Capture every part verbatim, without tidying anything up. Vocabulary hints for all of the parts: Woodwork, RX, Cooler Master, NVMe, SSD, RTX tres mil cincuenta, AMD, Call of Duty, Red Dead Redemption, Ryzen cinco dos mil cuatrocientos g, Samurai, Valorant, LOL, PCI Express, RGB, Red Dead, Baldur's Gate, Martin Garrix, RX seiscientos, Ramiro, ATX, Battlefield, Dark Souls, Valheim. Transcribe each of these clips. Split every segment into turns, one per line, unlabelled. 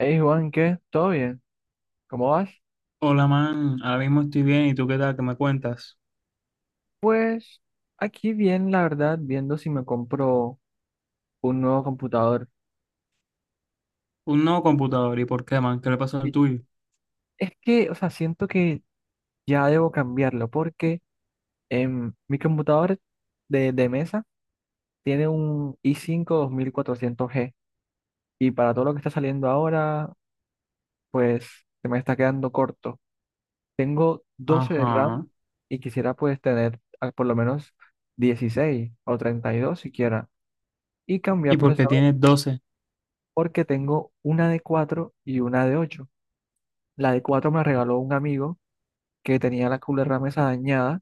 Hey Juan, ¿qué? ¿Todo bien? ¿Cómo vas?
Hola, man. Ahora mismo estoy bien. ¿Y tú qué tal? ¿Qué me cuentas?
Pues aquí bien, la verdad, viendo si me compro un nuevo computador.
Un nuevo computador. ¿Y por qué, man? ¿Qué le pasó al
Y
tuyo?
es que, o sea, siento que ya debo cambiarlo porque em, mi computador de, de mesa tiene un i cinco dos mil cuatrocientos g y para todo lo que está saliendo ahora, pues se me está quedando corto. Tengo doce de RAM
Ajá.
y quisiera pues tener ah, por lo menos dieciséis o treinta y dos siquiera y cambiar
¿Y por qué
procesador
tienes doce?
porque tengo una de cuatro y una de ocho. La de cuatro me la regaló un amigo que tenía la mesa dañada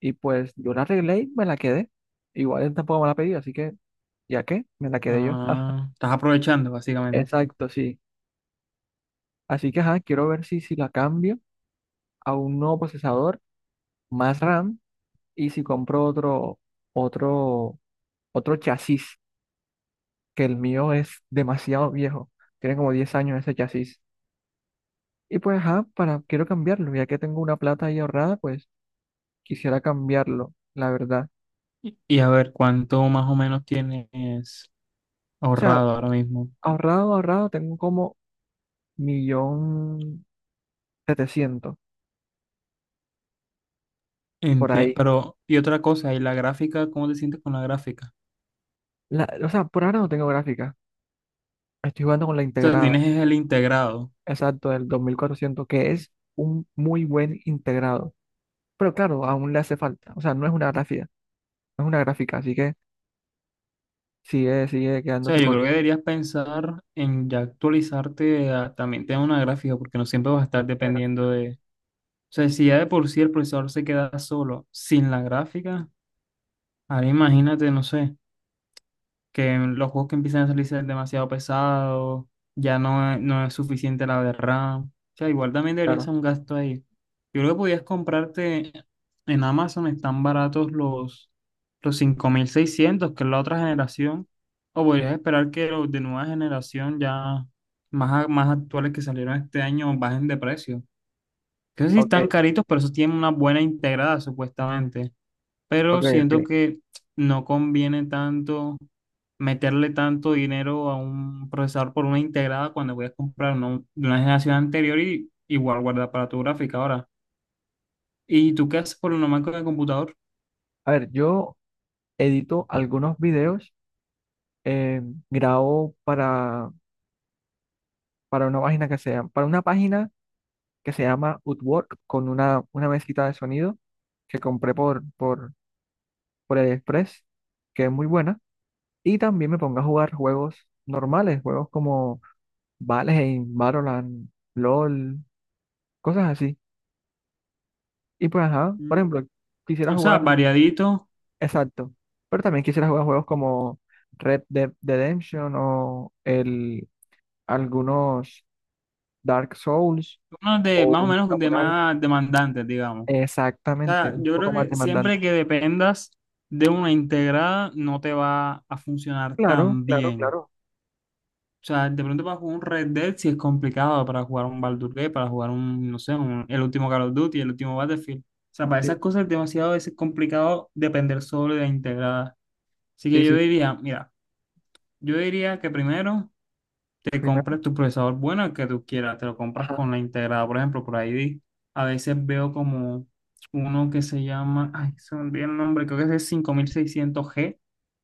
y pues yo la arreglé y me la quedé. Igual él tampoco me la pedí, así que ya que me la quedé yo.
Ah, estás aprovechando, básicamente.
Exacto, sí. Así que ajá, quiero ver si, si la cambio a un nuevo procesador, más RAM y si compro otro, otro, otro chasis, que el mío es demasiado viejo. Tiene como diez años ese chasis. Y pues ajá, para, quiero cambiarlo, ya que tengo una plata ahí ahorrada, pues quisiera cambiarlo, la verdad.
Y, y a ver, ¿cuánto más o menos tienes
O sea,
ahorrado ahora mismo?
ahorrado, ahorrado, tengo como millón setecientos por
Enti-
ahí.
Pero, y otra cosa, ¿y la gráfica? ¿Cómo te sientes con la gráfica?
La- o sea, por ahora no tengo gráfica. Estoy jugando con la
O sea,
integrada,
tienes es el integrado.
exacto, del dos mil cuatrocientos que es un muy buen integrado. Pero claro, aún le hace falta. O sea, no es una gráfica, no es una gráfica, así que sigue, sigue
O sea,
quedándose
yo creo
corta.
que deberías pensar en ya actualizarte a también tener una gráfica, porque no siempre vas a estar dependiendo. O sea, si ya de por sí el procesador se queda solo sin la gráfica, ahora imagínate, no sé, que los juegos que empiezan a salir sean demasiado pesados, ya no es, no es suficiente la de RAM. O sea, igual también debería
Claro,
ser un gasto ahí. Yo creo que podías comprarte en Amazon, están baratos los, los cinco mil seiscientos que es la otra generación, o podrías esperar que los de nueva generación ya más, a- más actuales que salieron este año bajen de precio, que no sé si están
ok,
caritos, pero esos tienen una buena integrada supuestamente. Pero
ok,
siento
ok.
que no conviene tanto meterle tanto dinero a un procesador por una integrada cuando voy a comprar uno de una generación anterior y igual guardar para tu gráfica ahora. ¿Y tú qué haces por una máquina de computador?
A ver, yo edito algunos videos, eh, grabo para, para una página que sea, para una página que se llama Woodwork con una, una mesita de sonido que compré por, por, por el Express que es muy buena. Y también me pongo a jugar juegos normales, juegos como Valheim, Valorant, LOL, cosas así. Y pues, ajá, por
Mm,
ejemplo, quisiera
O sea,
jugar,
variadito,
exacto, pero también quisiera jugar juegos como Red Dead Redemption o el, algunos Dark Souls
uno de
o
más o
un
menos de
Samurai.
más demandantes, digamos. O
Exactamente,
sea,
un
yo
poco
creo
más
que
demandante.
siempre que dependas de una integrada no te va a funcionar
Claro,
tan
claro,
bien.
claro.
O sea, de pronto para jugar un Red Dead sí es complicado, para jugar un Baldur's Gate, para jugar un, no sé, un- el último Call of Duty, el último Battlefield. O sea, para esas
Sí,
cosas es demasiado a veces complicado depender solo de la integrada. Así
sí,
que yo
sí.
diría, mira, yo diría que primero te
Primero,
compres tu procesador bueno, el que tú quieras, te lo compras
ajá,
con la integrada. Por ejemplo, por ahí vi- a veces veo como uno que se llama, ay, se me olvidó el nombre, creo que es el cinco mil seiscientos g,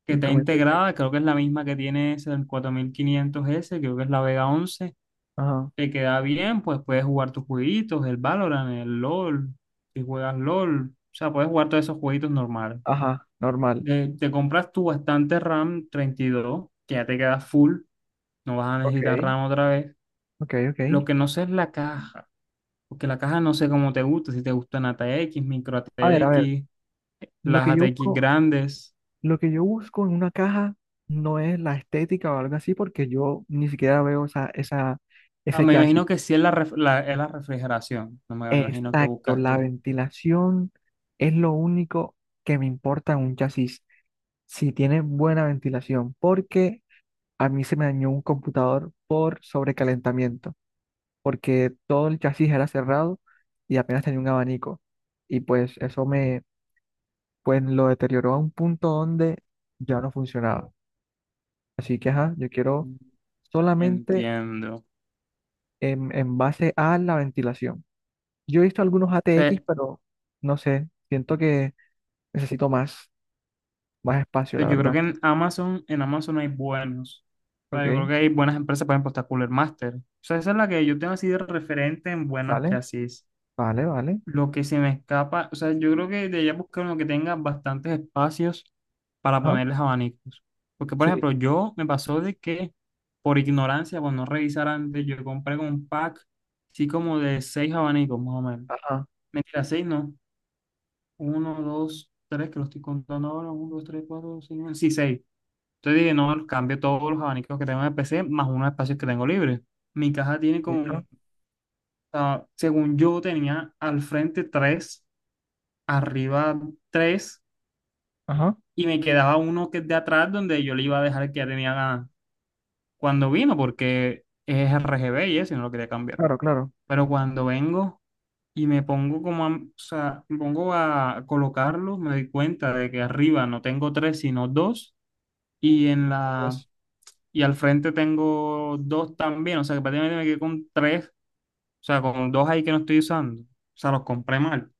que está
cinco mil fechas.
integrada, creo que es la misma que tiene ese, el cuatro mil quinientos s, creo que es la Vega once.
Ajá,
Te queda bien, pues puedes jugar tus jueguitos, el Valorant, el LOL, si juegas LOL, o sea, puedes jugar todos esos jueguitos normales.
ajá, normal.
Eh, te compras tu bastante RAM treinta y dos que ya te queda full, no vas a
Ok,
necesitar RAM otra vez.
ok, ok.
Lo que no sé es la caja, porque la caja no sé cómo te gusta, si te gustan a ATX, micro a
A ver, a ver,
ATX,
lo
las a
que yo
ATX
busco,
grandes.
lo que yo busco en una caja no es la estética o algo así, porque yo ni siquiera veo esa, esa,
Ah,
ese
me
chasis.
imagino que sí es la, ref- la- es la refrigeración, no me imagino que
Exacto,
buscas
la
tú.
ventilación es lo único que me importa en un chasis, si tiene buena ventilación, porque a mí se me dañó un computador por sobrecalentamiento, porque todo el chasis era cerrado y apenas tenía un abanico. Y pues eso me, pues lo deterioró a un punto donde ya no funcionaba. Así que, ajá, yo quiero solamente
Entiendo. O
en, en base a la ventilación. Yo he visto algunos A T X,
sea,
pero no sé, siento que necesito más, más espacio, la
pero yo creo
verdad.
que en Amazon, en Amazon hay buenos. O sea,
Ok,
yo creo que hay buenas empresas, por ejemplo, está Cooler Master. O sea, esa es la que yo tengo así de referente en buenas
vale,
chasis.
vale, vale.
Lo que se me escapa, o sea, yo creo que de allá buscar uno que tenga bastantes espacios para
Ajá,
ponerles abanicos. Porque, por
sí,
ejemplo, yo me pasó de que por ignorancia, por no revisar antes, yo compré con un pack, sí, como de seis abanicos, más o menos.
ajá,
Mentira, seis no. Uno, dos, tres, que lo estoy contando ahora. Uno, dos, tres, cuatro, cinco. Sí, seis. Entonces dije, no, cambio todos los abanicos que tengo en el P C más unos espacios que tengo libres. Mi caja tiene como,
listo,
o sea, según yo tenía al frente tres, arriba tres,
ajá,
y me quedaba uno que es de atrás donde yo le iba a dejar el que ya tenía ganas cuando vino, porque es R G B y eso, y no lo quería cambiar.
claro, claro.
Pero cuando vengo y me pongo como a, o sea, me pongo a colocarlo, me doy cuenta de que arriba no tengo tres, sino dos, y en la
Pues,
y al frente tengo dos también, o sea que prácticamente me quedé con tres, o sea, con dos ahí que no estoy usando, o sea, los compré mal.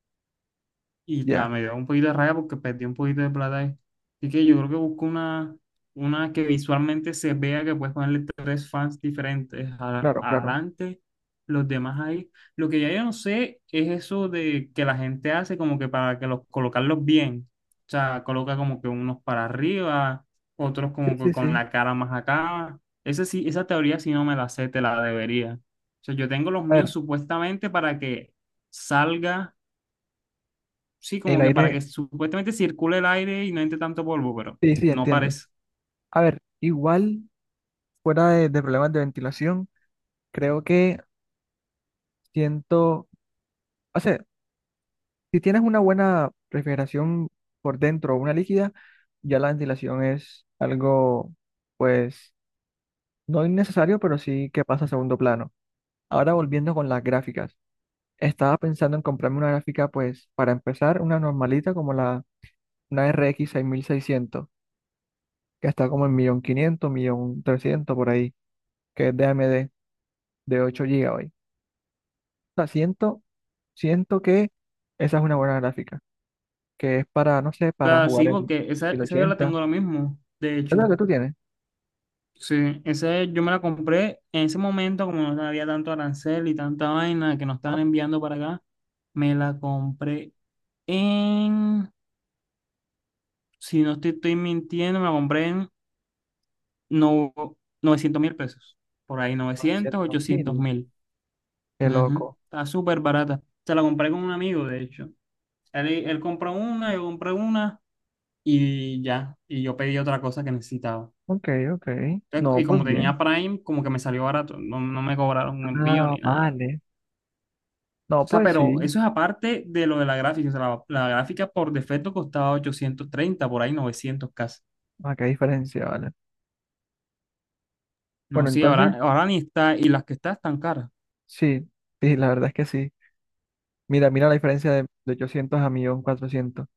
Y da,
ya,
me dio un poquito de rabia porque perdí un poquito de plata ahí. Así que yo creo que busco una, una que visualmente se vea que puedes ponerle tres fans diferentes a-
claro, claro.
adelante, los demás ahí. Lo que ya yo no sé es eso de que la gente hace como que para que los colocarlos bien. O sea, coloca como que unos para arriba, otros
Sí,
como que
sí,
con
sí.
la cara más acá. Esa sí, esa teoría si no me la sé, te la debería. O sea, yo tengo los
A
míos
ver,
supuestamente para que salga sí,
el
como que para
aire.
que supuestamente circule el aire y no entre tanto polvo, pero
Sí, sí,
no
entiendo.
parece. O
A ver, igual, fuera de, de problemas de ventilación, creo que siento, o sea, si tienes una buena refrigeración por dentro o una líquida, ya la ventilación es algo, pues, no innecesario, pero sí que pasa a segundo plano. Ahora volviendo con las gráficas, estaba pensando en comprarme una gráfica, pues, para empezar, una normalita como la, una R X seiscientos que está como en un millón quinientos mil, un millón trescientos mil por ahí, que es de A M D de ocho gigabytes. Sea, siento, siento que esa es una buena gráfica, que es para, no sé, para
sea, sí,
jugar en
porque esa, esa yo la
mil ochenta.
tengo lo mismo, de
¿Es
hecho.
lo que tú tienes?
Sí, esa yo me la compré en ese momento, como no había tanto arancel y tanta vaina que nos
Ah,
estaban enviando para acá, me la compré en, si no estoy, estoy mintiendo, me la compré en no, novecientos mil pesos. Por ahí novecientos,
novecientos
ochocientos
mil
mil.
Qué
Ujú,
loco.
está súper barata. Se la compré con un amigo, de hecho. Él, él compró una, yo compré una y ya. Y yo pedí otra cosa que necesitaba.
Ok, ok.
Entonces,
No,
y como
pues bien.
tenía Prime, como que me salió barato. No, no me cobraron un envío
Ah,
ni nada.
vale. No,
O sea,
pues
pero
sí.
eso es aparte de lo de la gráfica. O sea, la, la gráfica por defecto costaba ochocientos treinta por ahí novecientos casi.
Ah, qué diferencia, vale.
No,
Bueno,
sí,
entonces,
ahora, ahora ni está. Y las que está están caras.
sí, sí, la verdad es que sí. Mira, mira la diferencia de, de ochocientos a mil cuatrocientos.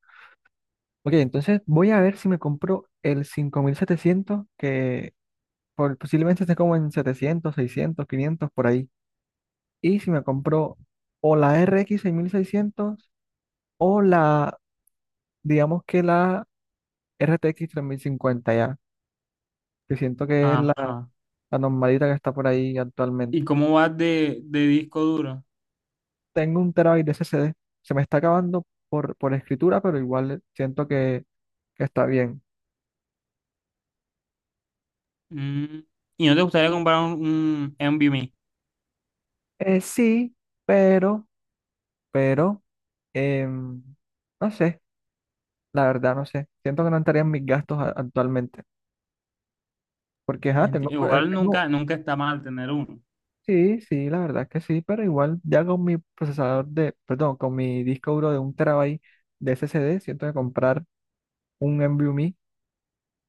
Ok, entonces voy a ver si me compro el cinco mil setecientos que por- posiblemente esté como en setecientos, seiscientos, quinientos por ahí. Y si me compro o la R X seis mil seiscientos o la, digamos que la R T X tres mil cincuenta ya, que siento que es la,
Ajá.
la normalita que está por ahí actualmente.
¿Y cómo vas de, de disco duro?
Tengo un terabyte de S S D, se me está acabando por, por escritura, pero igual siento que, que está bien.
Mm, ¿Y no te gustaría comprar un, un NVMe?
Eh, sí, pero, pero, em, no sé, la verdad no sé. Siento que no estarían mis gastos a- actualmente, porque ajá,
Ent-
tengo, eh,
Igual
tengo.
nunca, nunca está mal tener uno.
Sí, sí, la verdad que sí, pero igual ya con mi procesador de, perdón, con mi disco duro de un terabyte de S S D, siento que comprar un NVMe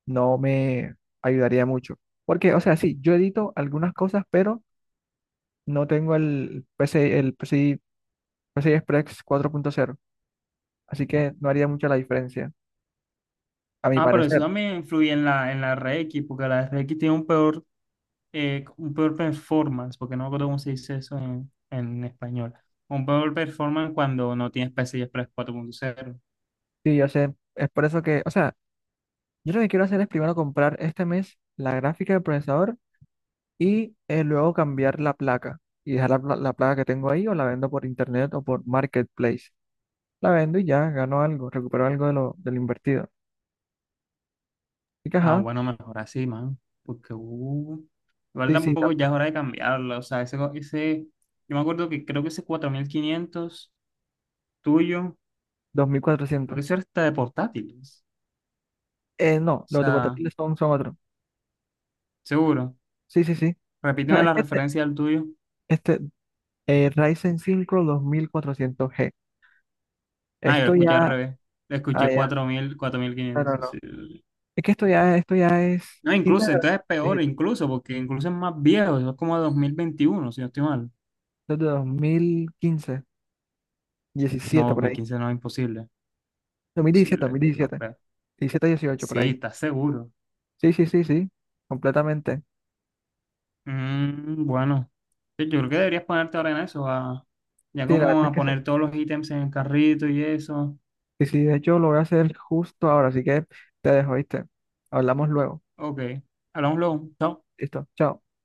no me ayudaría mucho. Porque, o sea, sí, yo edito algunas cosas, pero no tengo el P C I, el P C I, P C I Express cuatro punto cero, así que no haría mucha la diferencia, a mi
Ah, pero eso
parecer.
también influye en la, en la R X, porque la R X tiene un peor, eh, un peor performance, porque no me acuerdo cómo se dice eso en, en español. Un peor performance cuando no tienes P C I Express cuatro punto cero.
Sí, yo sé, es por eso que, o sea, yo lo que quiero hacer es primero comprar este mes la gráfica del procesador y eh, luego cambiar la placa y dejar la, pla- la placa que tengo ahí o la vendo por internet o por marketplace. La vendo y ya gano algo, recupero algo de lo, de lo invertido. Y que,
Ah,
ajá,
bueno, mejor así, man. Porque, uh, igual
sí, sí,
tampoco
ta-
ya es hora de cambiarlo. O sea, ese, ese, yo me acuerdo que creo que ese cuatro mil quinientos tuyo, creo
dos mil cuatrocientos.
que eso era hasta de portátiles.
Eh,
O
no, los de
sea,
portátiles son, son otros.
seguro.
Sí, sí, sí. O
Repíteme
sea, es
la
que este,
referencia del tuyo.
este eh, Ryzen cinco dos mil cuatrocientos g.
Ah, yo lo
Esto
escuché al
ya,
revés. Lo
ah,
escuché
ya,
cuatro mil,
no, no,
cuatro mil quinientos.
no.
Así,
Es que esto ya, esto ya es
no,
quinta
incluso,
generación,
entonces es peor,
viejito.
incluso, porque incluso es más viejo, eso es como dos mil veintiuno si no estoy mal.
Esto es de dos mil quince,
No,
diecisiete
dos
por
mil
ahí.
quince no es imposible.
dos mil diecisiete dos
Posible,
mil
no
diecisiete,
creo.
diecisiete, dieciocho por
Sí,
ahí.
estás seguro.
Sí, sí, sí, sí, completamente.
Mm, bueno, sí, yo creo que deberías ponerte ahora en eso, a- ya
Sí, la verdad
como
es
a
que sí.
poner todos los ítems en el carrito y eso.
Y sí de hecho lo voy a hacer justo ahora, así que te dejo, ¿viste? Hablamos luego.
Ok, hablamos luego. Chao.
Listo, chao.